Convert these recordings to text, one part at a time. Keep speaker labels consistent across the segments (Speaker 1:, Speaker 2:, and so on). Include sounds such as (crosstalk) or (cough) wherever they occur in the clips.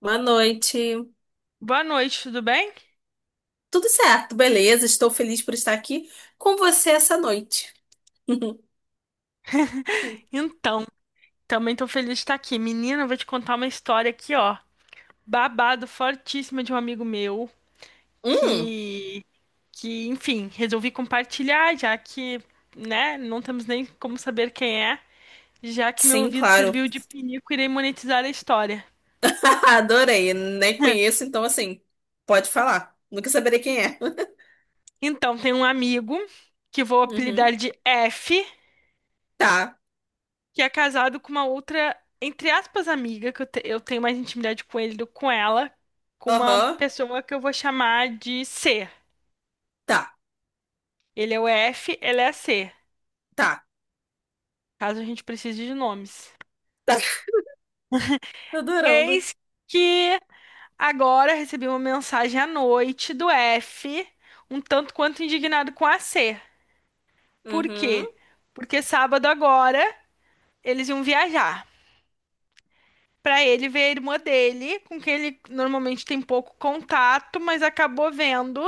Speaker 1: Boa noite.
Speaker 2: Boa noite, tudo bem?
Speaker 1: Tudo certo, beleza? Estou feliz por estar aqui com você essa noite. (laughs)
Speaker 2: Então, também tô feliz de estar aqui. Menina, eu vou te contar uma história aqui, ó. Babado fortíssima de um amigo meu
Speaker 1: Hum,
Speaker 2: que, enfim, resolvi compartilhar, já que, né, não temos nem como saber quem é, já que meu
Speaker 1: sim,
Speaker 2: ouvido
Speaker 1: claro.
Speaker 2: serviu de pinico, irei monetizar a história.
Speaker 1: (laughs) Adorei. Nem conheço, então assim, pode falar. Nunca saberei quem é. (laughs)
Speaker 2: Então, tem um amigo que vou
Speaker 1: Uhum.
Speaker 2: apelidar de F,
Speaker 1: Tá.
Speaker 2: que é casado com uma outra, entre aspas, amiga, que eu tenho mais intimidade com ele do que com ela, com uma
Speaker 1: Aham.
Speaker 2: pessoa que eu vou chamar de C.
Speaker 1: Tá.
Speaker 2: Ele é o F, ela é a C,
Speaker 1: Tá.
Speaker 2: caso a gente precise de nomes.
Speaker 1: Tá. (laughs) Tô adorando.
Speaker 2: Eis que agora recebi uma mensagem à noite do F, um tanto quanto indignado com a C. Por
Speaker 1: Uhum.
Speaker 2: quê? Porque sábado agora eles iam viajar. Pra ele ver a irmã dele, com quem ele normalmente tem pouco contato, mas acabou vendo.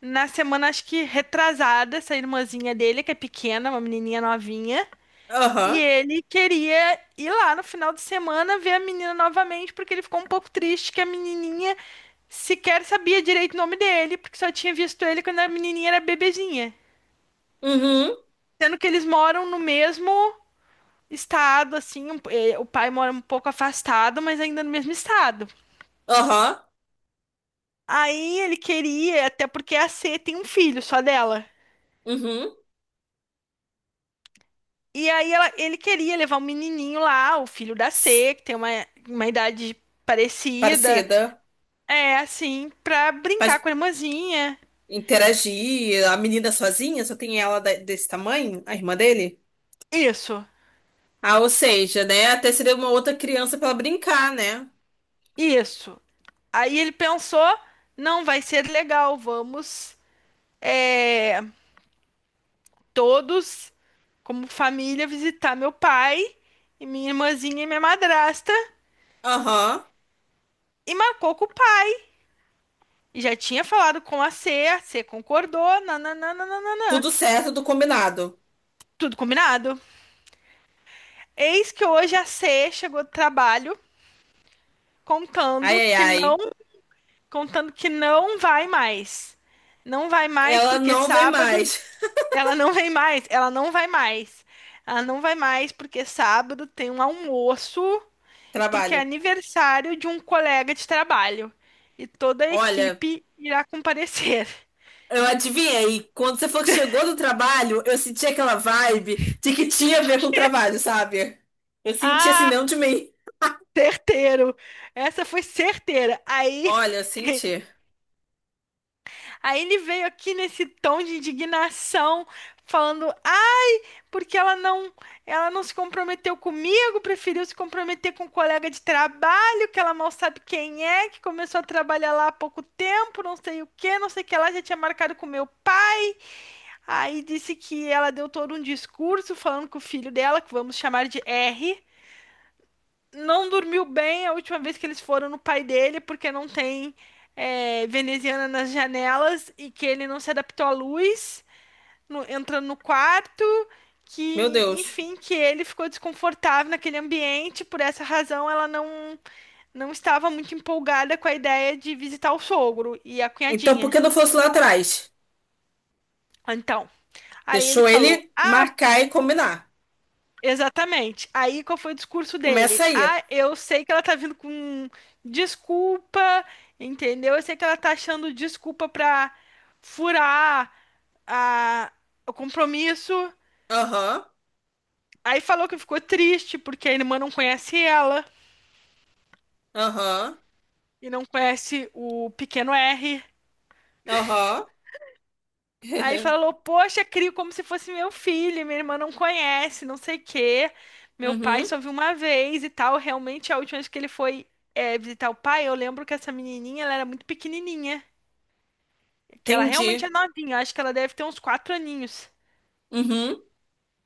Speaker 2: Na semana, acho que retrasada, essa irmãzinha dele, que é pequena, uma menininha novinha, e
Speaker 1: Aham.
Speaker 2: ele queria ir lá no final de semana ver a menina novamente, porque ele ficou um pouco triste que a menininha sequer sabia direito o nome dele, porque só tinha visto ele quando a menininha era bebezinha.
Speaker 1: Uhum.
Speaker 2: Sendo que eles moram no mesmo estado, assim, o pai mora um pouco afastado, mas ainda no mesmo estado.
Speaker 1: Aham.
Speaker 2: Aí ele queria, até porque a C tem um filho só dela.
Speaker 1: Uhum.
Speaker 2: E ele queria levar o menininho lá, o filho da
Speaker 1: Ps,
Speaker 2: C, que tem uma idade parecida,
Speaker 1: parecida.
Speaker 2: é assim, pra brincar
Speaker 1: Faz
Speaker 2: com a irmãzinha.
Speaker 1: interagir. A menina sozinha, só tem ela desse tamanho, a irmã dele?
Speaker 2: Isso,
Speaker 1: Ah, ou
Speaker 2: so-
Speaker 1: seja, né? Até seria uma outra criança pra ela brincar, né?
Speaker 2: isso. Aí ele pensou, não vai ser legal, vamos é, todos, como família, visitar meu pai e minha irmãzinha e minha madrasta.
Speaker 1: Aham.
Speaker 2: E marcou com o pai. Já tinha falado com a C concordou, nananana,
Speaker 1: Tudo certo, tudo combinado.
Speaker 2: tudo combinado. Eis que hoje a C chegou do trabalho
Speaker 1: Ai,
Speaker 2: contando
Speaker 1: ai,
Speaker 2: que não,
Speaker 1: ai.
Speaker 2: contando que não vai mais. Não vai mais
Speaker 1: Ela
Speaker 2: porque
Speaker 1: não vem
Speaker 2: sábado
Speaker 1: mais.
Speaker 2: ela não vem mais, ela não vai mais. Ela não vai mais porque sábado tem um almoço,
Speaker 1: (laughs)
Speaker 2: porque é
Speaker 1: Trabalho.
Speaker 2: aniversário de um colega de trabalho e toda a
Speaker 1: Olha,
Speaker 2: equipe irá comparecer.
Speaker 1: eu
Speaker 2: Então,
Speaker 1: adivinhei. Quando você falou que chegou do trabalho, eu senti aquela vibe de que tinha a ver com o trabalho, sabe? Eu senti assim,
Speaker 2: ah,
Speaker 1: não de mim.
Speaker 2: certeiro. Essa foi certeira. Aí,
Speaker 1: Olha, eu
Speaker 2: (laughs)
Speaker 1: senti.
Speaker 2: aí ele veio aqui nesse tom de indignação, falando: porque ela não se comprometeu comigo, preferiu se comprometer com um colega de trabalho, que ela mal sabe quem é, que começou a trabalhar lá há pouco tempo, não sei o que, não sei o que lá, já tinha marcado com meu pai. Aí disse que ela deu todo um discurso falando que o filho dela, que vamos chamar de R, não dormiu bem a última vez que eles foram no pai dele, porque não tem veneziana nas janelas e que ele não se adaptou à luz entra no quarto,
Speaker 1: Meu
Speaker 2: que,
Speaker 1: Deus.
Speaker 2: enfim, que ele ficou desconfortável naquele ambiente, por essa razão ela não estava muito empolgada com a ideia de visitar o sogro e a
Speaker 1: Então, por
Speaker 2: cunhadinha.
Speaker 1: que não fosse lá atrás?
Speaker 2: Então, aí ele
Speaker 1: Deixou
Speaker 2: falou
Speaker 1: ele marcar e combinar.
Speaker 2: exatamente. Aí qual foi o discurso
Speaker 1: Começa
Speaker 2: dele?
Speaker 1: aí.
Speaker 2: Ah, eu sei que ela tá vindo com desculpa, entendeu? Eu sei que ela tá achando desculpa pra furar a, o compromisso.
Speaker 1: Aham,
Speaker 2: Aí falou que ficou triste porque a irmã não conhece ela
Speaker 1: aham,
Speaker 2: e não conhece o pequeno R.
Speaker 1: aham.
Speaker 2: Aí
Speaker 1: (laughs)
Speaker 2: falou: poxa, crio como se fosse meu filho, minha irmã não conhece, não sei o quê. Meu pai
Speaker 1: Uhum,
Speaker 2: só viu uma vez e tal. Realmente, a última vez que ele foi visitar o pai, eu lembro que essa menininha ela era muito pequenininha, que ela realmente é
Speaker 1: entendi.
Speaker 2: novinha, acho que ela deve ter uns 4 aninhos.
Speaker 1: Uhum,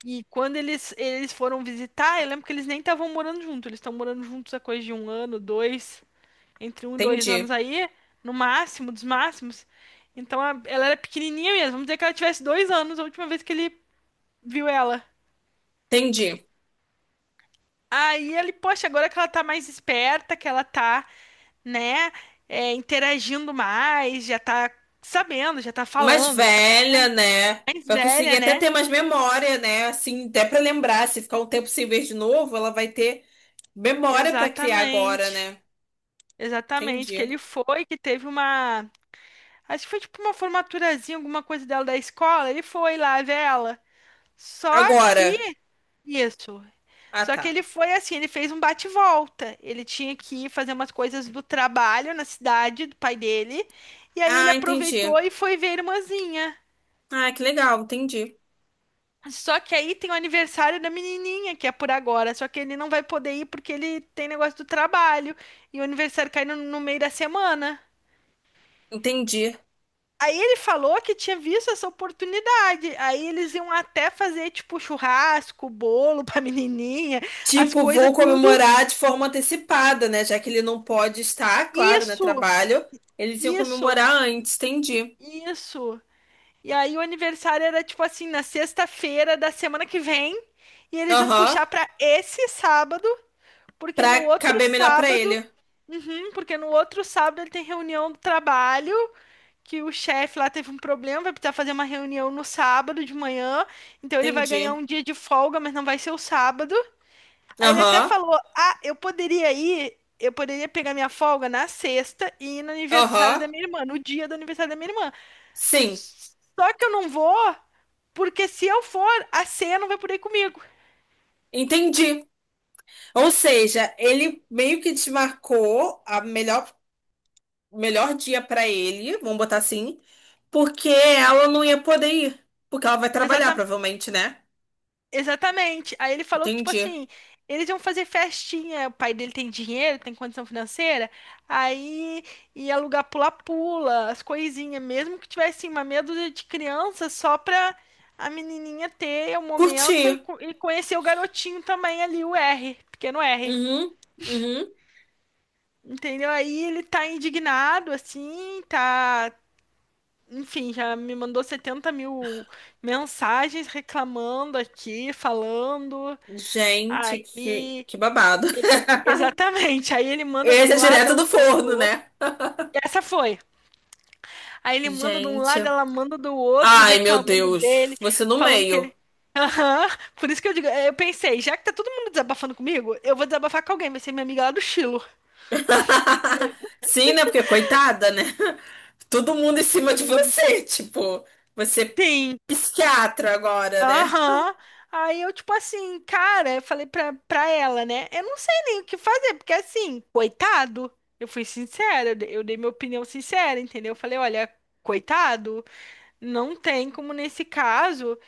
Speaker 2: E quando eles foram visitar, eu lembro que eles nem estavam morando juntos, eles estão morando juntos há coisa de um ano, dois, entre um e dois anos
Speaker 1: entendi.
Speaker 2: aí, no máximo dos máximos. Então ela era pequenininha mesmo. Vamos dizer que ela tivesse 2 anos a última vez que ele viu ela.
Speaker 1: Entendi.
Speaker 2: Aí ele, poxa, agora que ela tá mais esperta, que né, interagindo mais, já tá sabendo, já tá
Speaker 1: Mais
Speaker 2: falando, já tá
Speaker 1: velha,
Speaker 2: correndo
Speaker 1: né?
Speaker 2: mais
Speaker 1: Vai
Speaker 2: velha,
Speaker 1: conseguir até
Speaker 2: né?
Speaker 1: ter mais memória, né? Assim, até pra lembrar. Se ficar um tempo sem ver de novo, ela vai ter memória pra criar agora,
Speaker 2: Exatamente.
Speaker 1: né?
Speaker 2: Exatamente, que
Speaker 1: Entendi.
Speaker 2: ele foi, que teve uma. Acho que foi tipo uma formaturazinha, alguma coisa dela da escola. Ele foi lá ver ela. Só
Speaker 1: Agora.
Speaker 2: que isso.
Speaker 1: Ah,
Speaker 2: Só
Speaker 1: tá.
Speaker 2: que ele foi assim, ele fez um bate-volta. Ele tinha que ir fazer umas coisas do trabalho na cidade do pai dele. E aí ele
Speaker 1: Ah, entendi.
Speaker 2: aproveitou e foi ver a irmãzinha.
Speaker 1: Ah, que legal. Entendi.
Speaker 2: Só que aí tem o aniversário da menininha, que é por agora. Só que ele não vai poder ir porque ele tem negócio do trabalho. E o aniversário cai no meio da semana.
Speaker 1: Entendi.
Speaker 2: Aí ele falou que tinha visto essa oportunidade. Aí eles iam até fazer, tipo, churrasco, bolo pra (laughs) menininha, as
Speaker 1: Tipo,
Speaker 2: coisas,
Speaker 1: vou
Speaker 2: tudo.
Speaker 1: comemorar de forma antecipada, né? Já que ele não pode estar, claro, né?
Speaker 2: Isso,
Speaker 1: Trabalho. Eles iam
Speaker 2: isso.
Speaker 1: comemorar antes. Entendi.
Speaker 2: Isso. E aí o aniversário era tipo assim, na sexta-feira da semana que vem, e eles iam
Speaker 1: Aham.
Speaker 2: puxar pra esse sábado, porque no
Speaker 1: Pra
Speaker 2: outro
Speaker 1: caber melhor pra
Speaker 2: sábado,
Speaker 1: ele.
Speaker 2: uhum, porque no outro sábado ele tem reunião do trabalho, que o chefe lá teve um problema, vai precisar fazer uma reunião no sábado de manhã, então ele vai ganhar
Speaker 1: Entendi.
Speaker 2: um dia de folga, mas não vai ser o sábado. Aí ele até
Speaker 1: Aham,
Speaker 2: falou: "Ah, eu poderia ir, eu poderia pegar minha folga na sexta e ir no aniversário
Speaker 1: aham.
Speaker 2: da minha irmã, no dia do aniversário da minha irmã.
Speaker 1: Sim,
Speaker 2: Só que eu não vou, porque se eu for, a ceia não vai poder ir comigo."
Speaker 1: entendi. Ou seja, ele meio que desmarcou a melhor, melhor dia pra ele, vamos botar assim, porque ela não ia poder ir. Porque ela vai trabalhar,
Speaker 2: Exata-
Speaker 1: provavelmente, né?
Speaker 2: Exatamente. Aí ele falou que, tipo
Speaker 1: Entendi.
Speaker 2: assim, eles iam fazer festinha. O pai dele tem dinheiro, tem condição financeira. Aí ia alugar pula-pula, as coisinhas. Mesmo que tivesse assim, uma meia dúzia de crianças, só pra a menininha ter o
Speaker 1: Curti.
Speaker 2: momento e conhecer o garotinho também ali, o R, pequeno R.
Speaker 1: Uhum, uhum.
Speaker 2: Entendeu? Aí ele tá indignado, assim, tá, enfim, já me mandou 70 mil mensagens reclamando aqui, falando.
Speaker 1: Gente,
Speaker 2: Aí,
Speaker 1: que babado.
Speaker 2: exatamente. Aí ele
Speaker 1: (laughs)
Speaker 2: manda de
Speaker 1: Esse
Speaker 2: um
Speaker 1: é
Speaker 2: lado,
Speaker 1: direto
Speaker 2: ela
Speaker 1: do
Speaker 2: manda do
Speaker 1: forno,
Speaker 2: outro.
Speaker 1: né?
Speaker 2: E essa foi. Aí ele manda de um lado,
Speaker 1: Gente.
Speaker 2: ela manda do outro,
Speaker 1: Ai, meu
Speaker 2: reclamando
Speaker 1: Deus.
Speaker 2: dele,
Speaker 1: Você no
Speaker 2: falando que
Speaker 1: meio.
Speaker 2: ele. (laughs) Aham. Por isso que eu digo, eu pensei, já que tá todo mundo desabafando comigo, eu vou desabafar com alguém, vai ser minha amiga lá do Chilo.
Speaker 1: (laughs) Sim, né? Porque coitada, né? Todo mundo em cima de
Speaker 2: Sim.
Speaker 1: você, (laughs) tipo, você é
Speaker 2: Sim,
Speaker 1: psiquiatra agora, né?
Speaker 2: aham. Aí eu, tipo assim, cara, eu falei pra ela, né? Eu não sei nem o que fazer, porque assim, coitado, eu fui sincera, eu dei minha opinião sincera, entendeu? Eu falei, olha, coitado, não tem como nesse caso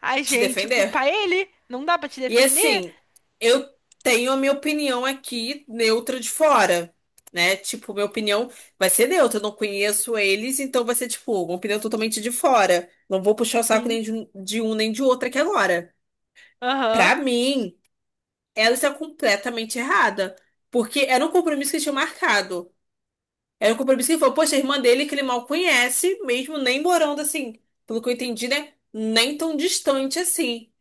Speaker 2: a
Speaker 1: Te
Speaker 2: gente
Speaker 1: defender.
Speaker 2: culpar ele, não dá pra te
Speaker 1: E
Speaker 2: defender.
Speaker 1: assim, eu tenho a minha opinião aqui neutra de fora, né? Tipo, minha opinião vai ser neutra, eu não conheço eles, então vai ser tipo, uma opinião totalmente de fora. Não vou puxar o saco
Speaker 2: Sim.
Speaker 1: nem de um, nem de outro aqui agora.
Speaker 2: Aham.
Speaker 1: Pra mim, ela está completamente errada, porque era um compromisso que tinha marcado. Era um compromisso que ele falou, poxa, a irmã dele que ele mal conhece, mesmo nem morando assim, pelo que eu entendi, né? Nem tão distante assim.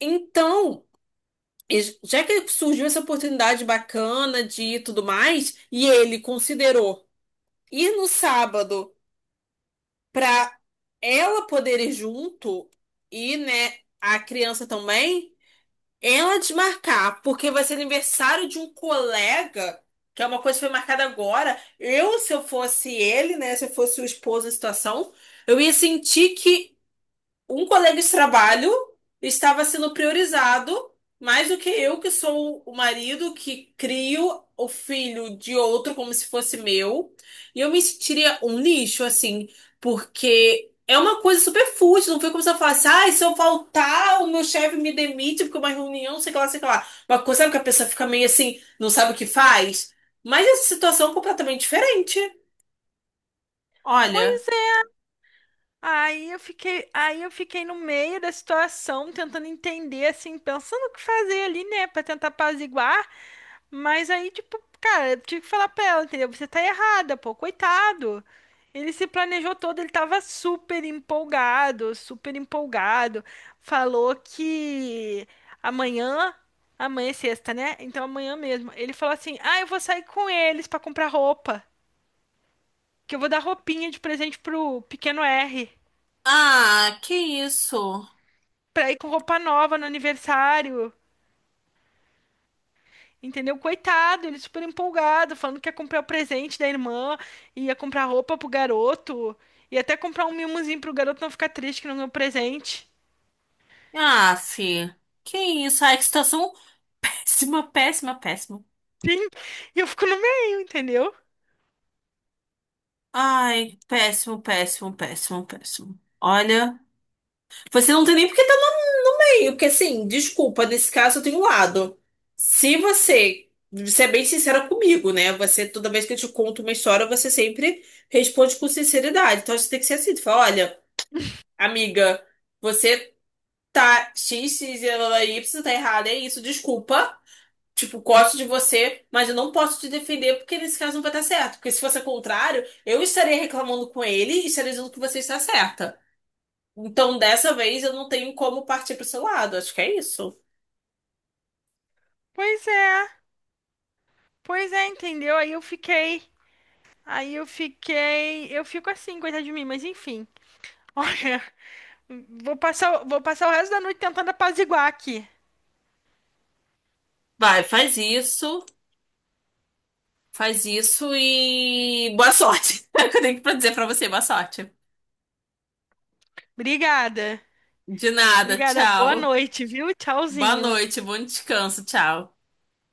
Speaker 1: Então, já que surgiu essa oportunidade bacana de ir e tudo mais, e ele considerou ir no sábado pra ela poder ir junto e, né, a criança também. Ela desmarcar, porque vai ser aniversário de um colega, que é uma coisa que foi marcada agora. Eu, se eu fosse ele, né? Se eu fosse o esposo em situação, eu ia sentir que um colega de trabalho estava sendo priorizado mais do que eu, que sou o marido que crio o filho de outro como se fosse meu. E eu me sentiria um lixo, assim, porque é uma coisa super fútil. Não foi como se eu falasse, ah, se eu faltar, o meu chefe me demite porque é uma reunião, sei que lá, sei que lá. Uma coisa, sabe que a pessoa fica meio assim, não sabe o que faz? Mas essa situação é completamente diferente. Olha.
Speaker 2: Pois é. Aí eu fiquei no meio da situação, tentando entender, assim, pensando o que fazer ali, né, pra tentar apaziguar. Mas aí, tipo, cara, eu tive que falar pra ela, entendeu? Você tá errada, pô, coitado. Ele se planejou todo, ele tava super empolgado. Falou que amanhã, amanhã é sexta, né? Então amanhã mesmo. Ele falou assim: "Ah, eu vou sair com eles pra comprar roupa, que eu vou dar roupinha de presente pro pequeno R,
Speaker 1: Ah, que isso?
Speaker 2: pra ir com roupa nova no aniversário". Entendeu? Coitado, ele super empolgado, falando que ia comprar o presente da irmã, ia comprar roupa pro garoto, ia até comprar um mimozinho pro garoto não ficar triste que não ganhou presente.
Speaker 1: Ah, fi. Que isso? Ai, que situação péssima, péssima, péssima.
Speaker 2: Sim, e eu fico no meio, entendeu?
Speaker 1: Ai, péssimo, péssimo, péssimo, péssimo. Olha, você não tem nem porque tá noiinho, porque assim, desculpa, nesse caso eu tenho um lado. Se você, você é bem sincera comigo, né? Você, toda vez que eu te conto uma história, você sempre responde com sinceridade. Então você tem que ser assim, tu fala, olha, amiga, você tá X, X, Y, Y, tá errada, é isso, desculpa. Tipo, gosto de você, mas eu não posso te defender porque nesse caso não vai dar certo. Porque se fosse o contrário, eu estaria reclamando com ele e estaria dizendo que você está certa. Então, dessa vez, eu não tenho como partir pro seu lado. Acho que é isso.
Speaker 2: Pois é, pois é, entendeu? Aí eu fiquei, eu fico assim, coitado de mim, mas enfim. (laughs) Olha, vou passar o resto da noite tentando apaziguar aqui.
Speaker 1: Vai, faz isso e boa sorte. (laughs) É o que eu tenho pra dizer pra você, boa sorte.
Speaker 2: Obrigada,
Speaker 1: De nada,
Speaker 2: obrigada, boa
Speaker 1: tchau.
Speaker 2: noite, viu?
Speaker 1: Boa
Speaker 2: Tchauzinho,
Speaker 1: noite, bom descanso, tchau.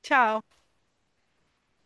Speaker 2: tchau.